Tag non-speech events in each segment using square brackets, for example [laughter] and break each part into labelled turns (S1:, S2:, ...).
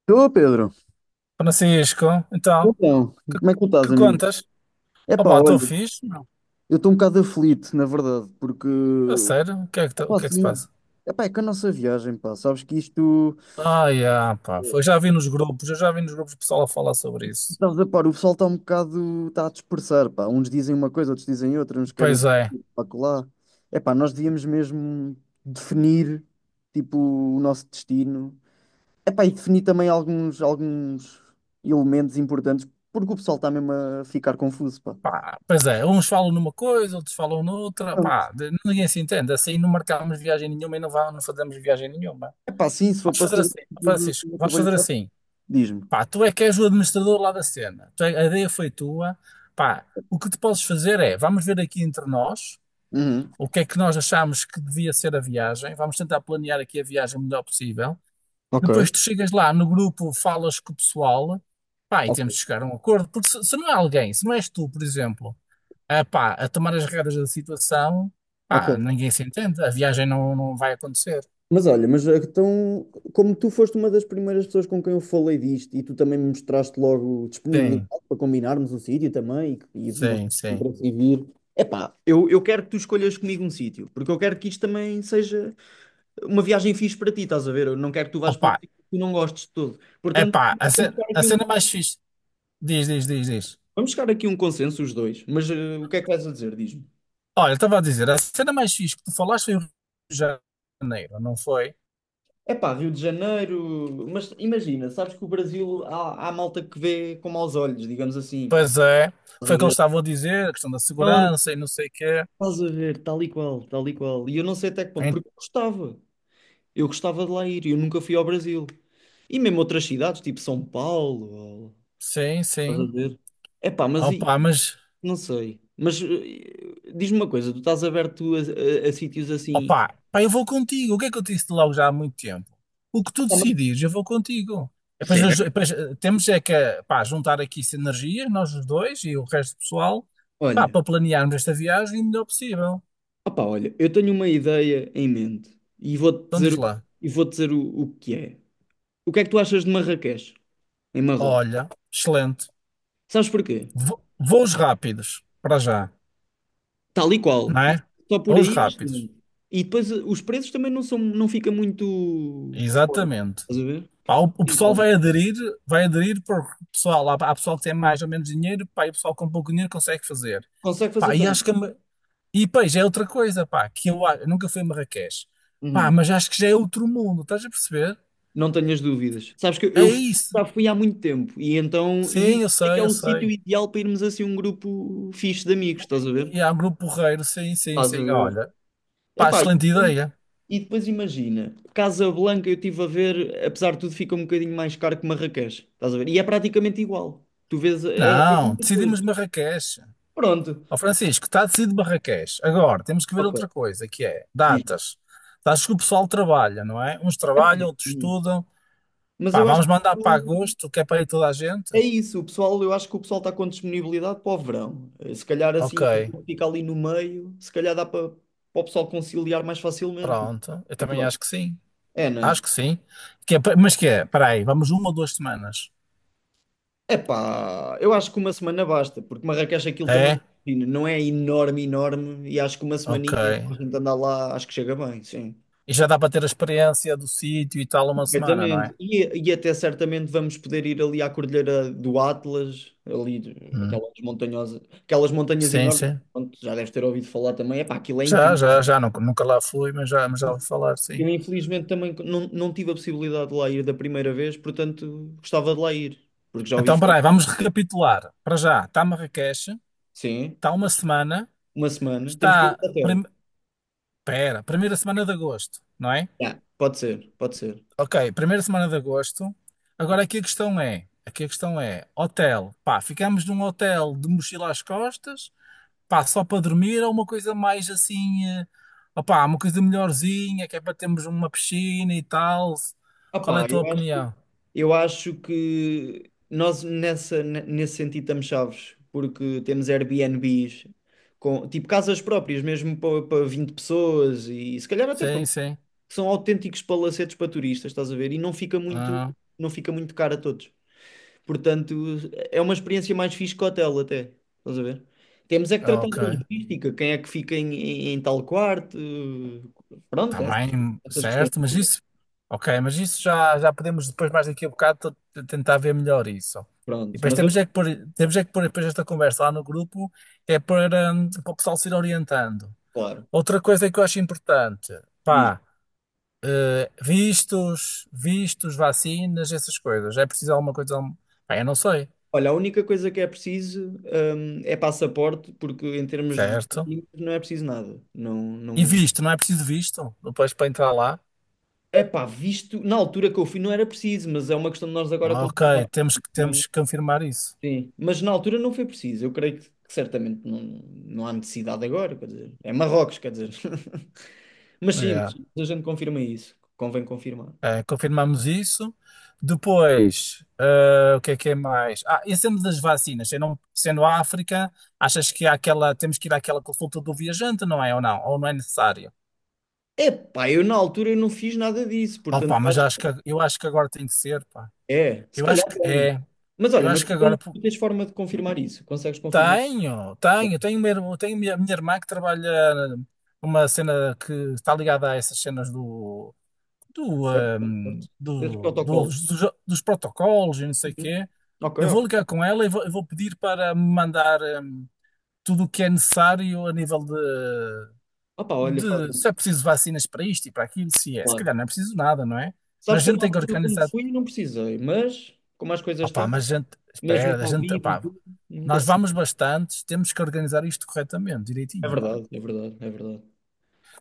S1: Estou, Pedro.
S2: Francisco, então,
S1: Então,
S2: que,
S1: como é que tu estás,
S2: que
S1: amigo?
S2: contas?
S1: Epá,
S2: Opa,
S1: olha,
S2: estou fixe, não.
S1: eu estou um bocado aflito, na verdade, porque...
S2: A sério? O
S1: Epá,
S2: que é que se
S1: assim,
S2: passa?
S1: epá, é que a nossa viagem, pá, sabes que isto...
S2: Ah, yeah, pá, eu já vi nos grupos o pessoal a falar sobre isso.
S1: Estás a par, o pessoal está um bocado... Está a dispersar, pá. Uns dizem uma coisa, outros dizem outra, uns querem
S2: Pois é,
S1: ir para lá. Epá, nós devíamos mesmo definir, tipo, o nosso destino. Epá, e definir também alguns elementos importantes, porque o pessoal está mesmo a ficar confuso, pá.
S2: pá, pois é, uns falam numa coisa, outros falam noutra, pá, ninguém se entende, assim não marcámos viagem nenhuma e não, vá, não fazemos viagem nenhuma.
S1: É pá, sim, se for
S2: Vamos
S1: para
S2: fazer
S1: ser
S2: assim,
S1: tudo
S2: Francisco,
S1: a
S2: vamos fazer
S1: trabalhar,
S2: assim,
S1: diz-me.
S2: pá, tu é que és o administrador lá da cena, a ideia foi tua, pá, o que tu podes fazer é, vamos ver aqui entre nós,
S1: Uhum.
S2: o que é que nós achamos que devia ser a viagem, vamos tentar planear aqui a viagem o melhor possível. Depois tu
S1: Ok,
S2: chegas lá no grupo, falas com o pessoal, pá, e
S1: ok,
S2: temos de chegar a um acordo, porque se não é alguém, se não és tu, por exemplo, a, pá, a tomar as regras da situação,
S1: ok.
S2: pá, ninguém se entende, a viagem não vai acontecer.
S1: Mas olha, mas então, como tu foste uma das primeiras pessoas com quem eu falei disto e tu também me mostraste logo disponibilidade
S2: Sim,
S1: para combinarmos o sítio também e demonstraste
S2: sim, sim.
S1: interesse em vir. Epá, eu quero que tu escolhas comigo um sítio, porque eu quero que isto também seja uma viagem fixe para ti, estás a ver? Eu não quero que tu vás para um
S2: Opa,
S1: sítio que tu não gostes de todo.
S2: é
S1: Portanto,
S2: pá,
S1: vamos chegar
S2: a
S1: aqui a um,
S2: cena mais fixe, diz, diz, diz, diz.
S1: vamos chegar aqui a um consenso os dois, mas o que é que vais a dizer? Diz-me.
S2: Olha, estava a dizer, a cena mais fixe que tu falaste foi o Rio de Janeiro, não foi?
S1: É pá, Rio de Janeiro, mas imagina, sabes que o Brasil há, há malta que vê com maus olhos, digamos assim, pá.
S2: Pois é,
S1: Estás a
S2: foi o que eles
S1: ver?
S2: estavam a dizer, a questão da
S1: Pronto,
S2: segurança e não sei o quê.
S1: estás a ver, tal e qual, tal e qual. E eu não sei até que ponto,
S2: Em-
S1: porque eu gostava de lá ir, eu nunca fui ao Brasil. E mesmo outras cidades, tipo São Paulo, ou-
S2: Sim,
S1: estás a
S2: sim.
S1: ver? É pá, mas
S2: Opa, mas,
S1: não sei. Mas diz-me uma coisa, tu estás aberto a, a sítios assim.
S2: opa, pá, eu vou contigo. O que é que eu te disse logo já há muito tempo? O que tu
S1: Ah, mas-
S2: decidires, eu vou contigo. E depois,
S1: Certo.
S2: temos é que pá, juntar aqui sinergias, nós os dois e o resto do pessoal, pá,
S1: Olha.
S2: para planearmos esta viagem o melhor possível.
S1: Opa, olha, eu tenho uma ideia em mente e vou-te
S2: Então
S1: dizer,
S2: diz
S1: o-
S2: lá,
S1: e vou dizer o que é. O que é que tu achas de Marrakech, em Marrocos?
S2: olha, excelente.
S1: Sabes porquê?
S2: Voos rápidos, para já,
S1: Tal e
S2: não
S1: qual. E
S2: é?
S1: só por
S2: Voos
S1: aí é
S2: rápidos,
S1: excelente. E depois os preços também não são, não fica muito fora.
S2: exatamente.
S1: Estás a ver?
S2: Pá, o
S1: Em
S2: pessoal
S1: conta.
S2: vai aderir porque o pessoal, há pessoal que tem mais ou menos dinheiro, pá, e o pessoal com pouco dinheiro consegue fazer.
S1: Consegue
S2: Pá,
S1: fazer
S2: e acho
S1: também.
S2: e pois é outra coisa, pá, eu nunca fui a Marrakech. Pá,
S1: Uhum.
S2: mas acho que já é outro mundo, estás a perceber?
S1: Não tenhas dúvidas. Sabes que
S2: É
S1: eu fui-
S2: isso.
S1: Já fui há muito tempo e então e
S2: Sim, eu
S1: é que é
S2: sei, eu
S1: o sítio
S2: sei.
S1: ideal para irmos assim um grupo fixe de amigos, estás a ver?
S2: E há um grupo porreiro, sim, sim,
S1: Estás a
S2: sim.
S1: ver.
S2: Olha, pá,
S1: Epá,
S2: excelente
S1: e
S2: ideia.
S1: E depois imagina, Casablanca eu estive a ver, apesar de tudo, fica um bocadinho mais caro que Marrakech. Estás a ver? E é praticamente igual. Tu vês é, é as
S2: Não,
S1: mesmas
S2: decidimos
S1: coisas.
S2: Marrakech.
S1: Pronto.
S2: Ó Francisco, está decidido Barraqués. Agora, temos que ver outra
S1: Ok.
S2: coisa, que é
S1: Diz.
S2: datas. Datas que o pessoal trabalha, não é? Uns
S1: É
S2: trabalham, outros
S1: sim.
S2: estudam.
S1: Mas
S2: Pá,
S1: eu acho
S2: vamos
S1: que
S2: mandar para agosto, que é para ir toda a gente?
S1: é isso. O pessoal, eu acho que o pessoal está com disponibilidade para o verão. Se calhar
S2: Ok,
S1: assim, aquilo que fica ali no meio, se calhar dá para, o pessoal conciliar mais facilmente. O que
S2: pronto. Eu
S1: é que tu
S2: também
S1: achas?
S2: acho que sim.
S1: É, né?
S2: Acho que sim. Que é pa- mas que é? Espera aí, vamos uma ou duas semanas?
S1: Epá, eu acho que uma semana basta, porque Marrakech aquilo também
S2: É?
S1: imagina, não é enorme, enorme, e acho que uma
S2: Ok.
S1: semaninha para a gente andar lá, acho que chega bem, sim.
S2: E já dá para ter a experiência do sítio e tal uma semana, não
S1: Perfeitamente.
S2: é?
S1: E até certamente vamos poder ir ali à Cordilheira do Atlas, ali,
S2: Hum.
S1: aquelas montanhosas, aquelas montanhas
S2: Sim,
S1: enormes,
S2: sim.
S1: pronto, já deves ter ouvido falar também, epá, aquilo é
S2: Já,
S1: incrível.
S2: já, já. Nunca, nunca lá fui, mas já vou falar, sim.
S1: Eu infelizmente também não tive a possibilidade de lá ir da primeira vez, portanto gostava de lá ir, porque já ouvi
S2: Então,
S1: falar.
S2: peraí, vamos recapitular. Para já, está Marrakech,
S1: Sim,
S2: está uma semana,
S1: uma semana, temos que ver
S2: está.
S1: o hotel.
S2: Pera, primeira semana de agosto, não é?
S1: Yeah, pode ser, pode ser.
S2: Ok, primeira semana de agosto. Agora
S1: Ok.
S2: aqui a questão é: aqui a questão é, hotel, pá, ficamos num hotel de mochila às costas, pá, só para dormir ou uma coisa mais assim, eh, opá, uma coisa melhorzinha, que é para termos uma piscina e tal. Qual é
S1: Opá,
S2: a
S1: Ok,
S2: tua
S1: eu acho,
S2: opinião?
S1: eu acho que nós nessa, nesse sentido estamos chaves, porque temos Airbnbs, com, tipo casas próprias, mesmo para 20 pessoas e se calhar até para
S2: Sim,
S1: mais,
S2: sim.
S1: que são autênticos palacetes para turistas, estás a ver? E
S2: Ah,
S1: não fica muito caro a todos. Portanto, é uma experiência mais fixe que hotel até, estás a ver? Temos é que tratar da
S2: ok.
S1: logística, quem é que fica em, em tal quarto, pronto,
S2: Está
S1: essas,
S2: bem,
S1: essas questões.
S2: certo, mas isso, ok, mas isso já, já podemos depois mais daqui a bocado tentar ver melhor isso. E
S1: Pronto,
S2: depois
S1: mas eu,
S2: temos é que pôr depois esta conversa lá no grupo, que é para, para o pessoal se ir orientando.
S1: claro,
S2: Outra coisa que eu acho importante,
S1: diz,
S2: pá, eh, vistos, vacinas, essas coisas. É preciso alguma coisa, pá, eu não sei,
S1: olha, a única coisa que é preciso, é passaporte, porque em termos de
S2: certo?
S1: documentos não é preciso nada. Não,
S2: E
S1: não...
S2: visto, não é preciso visto? Depois para entrar lá?
S1: Epá, visto, na altura que eu fui não era preciso, mas é uma questão de nós agora
S2: Ok,
S1: confirmar também.
S2: temos que confirmar isso.
S1: Sim, mas na altura não foi preciso. Eu creio que, certamente não, não há necessidade agora, quer dizer, é Marrocos, quer dizer. [laughs] Mas sim, mas
S2: Yeah.
S1: a gente confirma isso, convém confirmar.
S2: Confirmamos isso. Depois, o que é mais? Ah, e sendo das vacinas, sendo a África, achas que há aquela, temos que ir àquela consulta do viajante, não é? Ou não? Ou não é necessário?
S1: Epá, eu na altura eu não fiz nada disso, portanto
S2: Opa, mas acho que, eu acho que agora tem que ser, pá.
S1: É, se
S2: Eu
S1: calhar
S2: acho que
S1: tem.
S2: é.
S1: Mas
S2: Eu
S1: olha, mas
S2: acho que
S1: tu
S2: agora
S1: tens,
S2: po-
S1: tu tens forma de confirmar isso. Consegues confirmar? Não,
S2: tenho, tenho a minha irmã que trabalha numa cena que está ligada a essas cenas
S1: certo, certo. Esse protocolo.
S2: dos, dos protocolos e não sei o
S1: Uhum.
S2: quê.
S1: Ok,
S2: Eu vou
S1: ok.
S2: ligar com ela e vou, eu vou pedir para me mandar tudo o que é necessário a nível
S1: Opa, olha, faz
S2: de se
S1: isso.
S2: é preciso vacinas para isto e para aquilo, se é. Se
S1: Claro.
S2: calhar não é preciso nada, não é?
S1: Sabes
S2: Mas
S1: que
S2: a
S1: eu
S2: gente
S1: na
S2: tem que
S1: altura, quando
S2: organizar.
S1: fui, não precisei, mas como as coisas
S2: Opá,
S1: estão,
S2: mas a gente,
S1: mesmo
S2: espera, a
S1: com
S2: gente,
S1: Covid e
S2: opá,
S1: tudo, nunca
S2: nós
S1: se.
S2: vamos bastantes, temos que organizar isto corretamente,
S1: É
S2: direitinho, pá.
S1: verdade, é verdade, é verdade.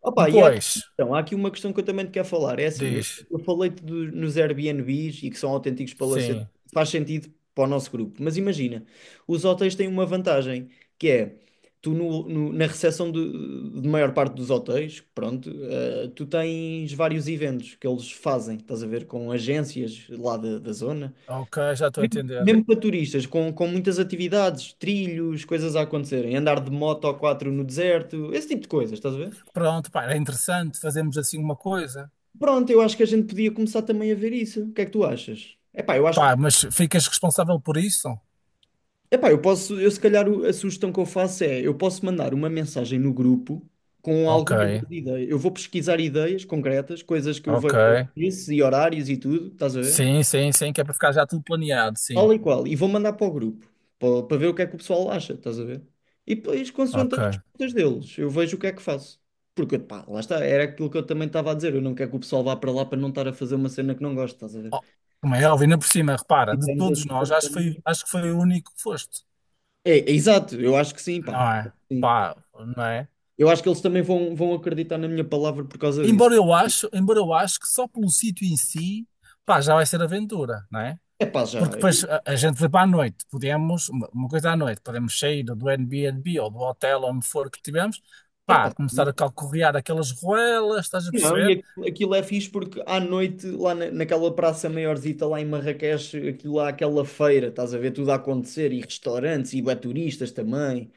S1: Opa, e há aqui,
S2: Depois,
S1: então, há aqui uma questão que eu também te quero falar. É assim, eu,
S2: diz,
S1: eu falei-te nos Airbnbs e que são autênticos palacetes,
S2: sim,
S1: faz sentido para o nosso grupo. Mas imagina, os hotéis têm uma vantagem, que é, tu na recepção de, maior parte dos hotéis, pronto, tu tens vários eventos que eles fazem, estás a ver, com agências lá da, da zona.
S2: ok, já estou a
S1: Mesmo
S2: entender.
S1: mesmo para turistas, com muitas atividades, trilhos, coisas a acontecerem, andar de moto ou quatro no deserto, esse tipo de coisas, estás a ver?
S2: Pronto, pá, era interessante fazermos assim uma coisa.
S1: Pronto, eu acho que a gente podia começar também a ver isso. O que é que tu achas? Epá, eu acho
S2: Pá,
S1: que.
S2: mas ficas responsável por isso?
S1: Epá, eu posso. Eu se calhar a sugestão que eu faço é: eu posso mandar uma mensagem no grupo com
S2: Ok,
S1: algumas das ideias. Eu vou pesquisar ideias concretas, coisas que eu vejo
S2: ok.
S1: isso e horários e tudo, estás a ver?
S2: Sim, sim, sim, que é para ficar já tudo planeado, sim.
S1: Tal e qual. E vou mandar para o grupo, para ver o que é que o pessoal acha, estás a ver? E depois, consoante as
S2: Ok.
S1: respostas deles, eu vejo o que é que faço. Porque, pá, lá está, era aquilo que eu também estava a dizer. Eu não quero que o pessoal vá para lá para não estar a fazer uma cena que não gosto, estás a ver?
S2: Oh, como é óbvio, ainda por cima, repara, de
S1: Tivemos
S2: todos
S1: assim
S2: nós,
S1: todos como.
S2: acho que foi o único que foste.
S1: É exato, eu acho que sim,
S2: Não
S1: pá.
S2: é?
S1: Sim.
S2: Pá, não é?
S1: Eu acho que eles também vão, acreditar na minha palavra por causa disso.
S2: Embora eu acho que só pelo sítio em si, pá, já vai ser aventura, não é?
S1: É pá, já.
S2: Porque depois a gente vai para a noite, podemos, uma coisa à noite, podemos sair do Airbnb ou do hotel onde for que tivemos,
S1: É
S2: pá,
S1: pá,
S2: começar a
S1: sim.
S2: calcorrear aquelas ruelas, estás a
S1: Não, e
S2: perceber?
S1: aquilo, aquilo é fixe porque à noite, lá naquela praça maiorzita, lá em Marrakech, aquilo há aquela feira, estás a ver tudo a acontecer, e restaurantes, e bué turistas também.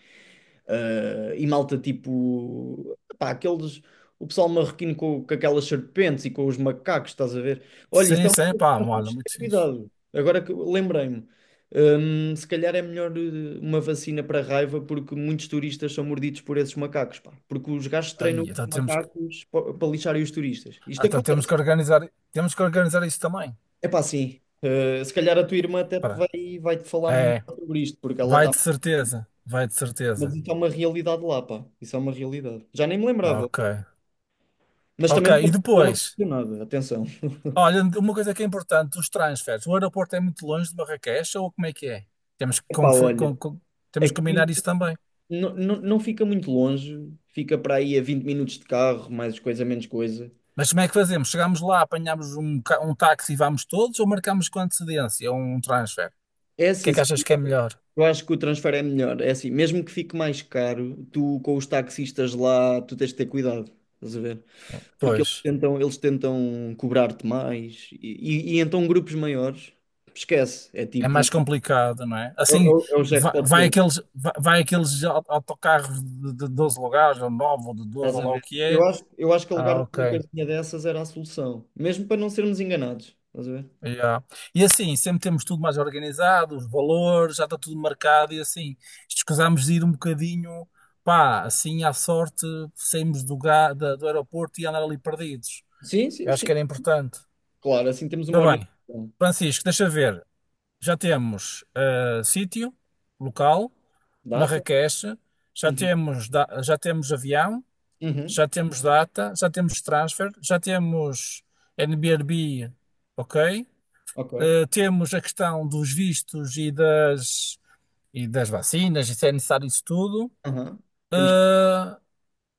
S1: Ah, e malta tipo, pá, aqueles, o pessoal marroquino com aquelas serpentes e com os macacos, estás a ver? Olha, isso
S2: Sim,
S1: é uma
S2: sim,
S1: coisa que
S2: pá,
S1: nós temos
S2: olha,
S1: de ter
S2: muito fixe.
S1: cuidado. Agora que lembrei-me, se calhar é melhor uma vacina para a raiva, porque muitos turistas são mordidos por esses macacos, pá. Porque os gajos treinam
S2: Aí,
S1: os macacos para lixarem os turistas. Isto
S2: então
S1: acontece.
S2: temos que organizar isso também.
S1: É pá, sim. Se calhar a tua irmã até te
S2: Espera.
S1: vai-te falar melhor
S2: É,
S1: sobre isto, porque ela
S2: vai
S1: está.
S2: de certeza, vai de
S1: Mas
S2: certeza.
S1: isso é uma realidade lá, pá. Isso é uma realidade. Já nem me lembrava.
S2: Ok.
S1: Mas
S2: Ok,
S1: também
S2: e
S1: não me
S2: depois?
S1: impressiona nada, atenção.
S2: Olha, uma coisa que é importante, os transfers. O aeroporto é muito longe de Marrakech ou como é que é? Temos que,
S1: Pa,
S2: confi-
S1: olha,
S2: com- com-
S1: é
S2: temos que combinar
S1: que
S2: isso também.
S1: não fica muito longe, fica para aí a 20 minutos de carro, mais coisa menos coisa.
S2: Mas como é que fazemos? Chegamos lá, apanhamos um táxi e vamos todos ou marcamos com antecedência um transfer? O
S1: É
S2: que
S1: assim,
S2: é que achas que é melhor?
S1: eu acho que o transfer é melhor, é assim, mesmo que fique mais caro, tu com os táxis estás lá, tu tens de ter cuidado, resolver, porque eles
S2: Pois.
S1: tentam eles tentam cobrar-te mais, e e então grupos maiores esquece, é
S2: É
S1: tipo,
S2: mais complicado, não é?
S1: é é
S2: Assim,
S1: o é o Jackpot.
S2: vai autocarros de 12 lugares, ou 9, ou de 12,
S1: Estás
S2: ou
S1: a
S2: lá o
S1: ver?
S2: que
S1: Eu
S2: é.
S1: acho, eu acho que
S2: Ah,
S1: alugarmos uma
S2: ok.
S1: coisinha dessas era a solução, mesmo para não sermos enganados. Estás a ver?
S2: Yeah. E assim, sempre temos tudo mais organizado, os valores, já está tudo marcado e assim, escusamos de ir um bocadinho, pá, assim à sorte, saímos do aeroporto e andar ali perdidos.
S1: Sim, sim,
S2: Eu acho que
S1: sim.
S2: era importante.
S1: Claro, assim temos uma
S2: Ora bem,
S1: orientação.
S2: Francisco, deixa ver. Já temos eh, sítio, local,
S1: Data?
S2: Marrakech,
S1: Uhum.
S2: já temos avião,
S1: Uhum.
S2: já temos data, já temos transfer, já temos Airbnb, ok?
S1: Ok.
S2: Eh, temos a questão dos vistos e das vacinas, e se é necessário isso tudo.
S1: Aham. Temos que...
S2: Eh,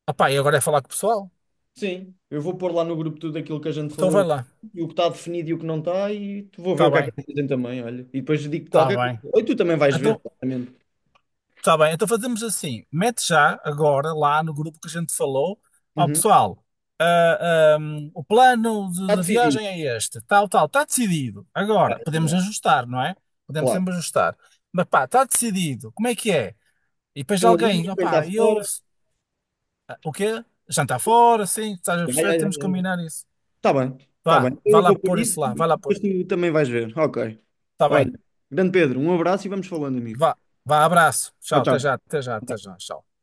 S2: opá, e agora é falar com o pessoal?
S1: Sim, eu vou pôr lá no grupo tudo aquilo que a gente
S2: Então vai
S1: falou
S2: lá,
S1: e o que está definido e o que não está e tu vou ver
S2: está
S1: o que é que
S2: bem,
S1: eles dizem também, olha. E depois digo
S2: está
S1: qualquer coisa.
S2: bem.
S1: Ou tu também vais ver,
S2: Então,
S1: claramente.
S2: está bem, então fazemos assim: mete já agora lá no grupo que a gente falou. Ó
S1: Uhum.
S2: pessoal, ah, o plano
S1: Está
S2: da
S1: decidido.
S2: viagem é este, tal, tal, está decidido.
S1: Ah,
S2: Agora,
S1: yeah,
S2: podemos
S1: yeah.
S2: ajustar, não é? Podemos
S1: Claro.
S2: sempre ajustar. Mas pá, está decidido, como é que é? E depois
S1: Quem ali,
S2: alguém,
S1: quem está
S2: opá, eu.
S1: fora.
S2: Ah, o quê? Jantar fora, sim, estás a
S1: Yeah, yeah,
S2: perceber?
S1: yeah,
S2: Temos que
S1: yeah.
S2: combinar isso.
S1: Está bem, está bem.
S2: Vá,
S1: Então
S2: vá
S1: Eu
S2: lá
S1: vou por
S2: pôr
S1: isso
S2: isso lá,
S1: e
S2: vá lá
S1: depois
S2: pôr.
S1: tu também vais ver. Ok.
S2: Está bem,
S1: Olha, grande Pedro, um abraço e vamos falando, amigo.
S2: vá, vá, abraço.
S1: Tchau,
S2: Tchau, até já,
S1: tchau.
S2: até já, até já, tchau.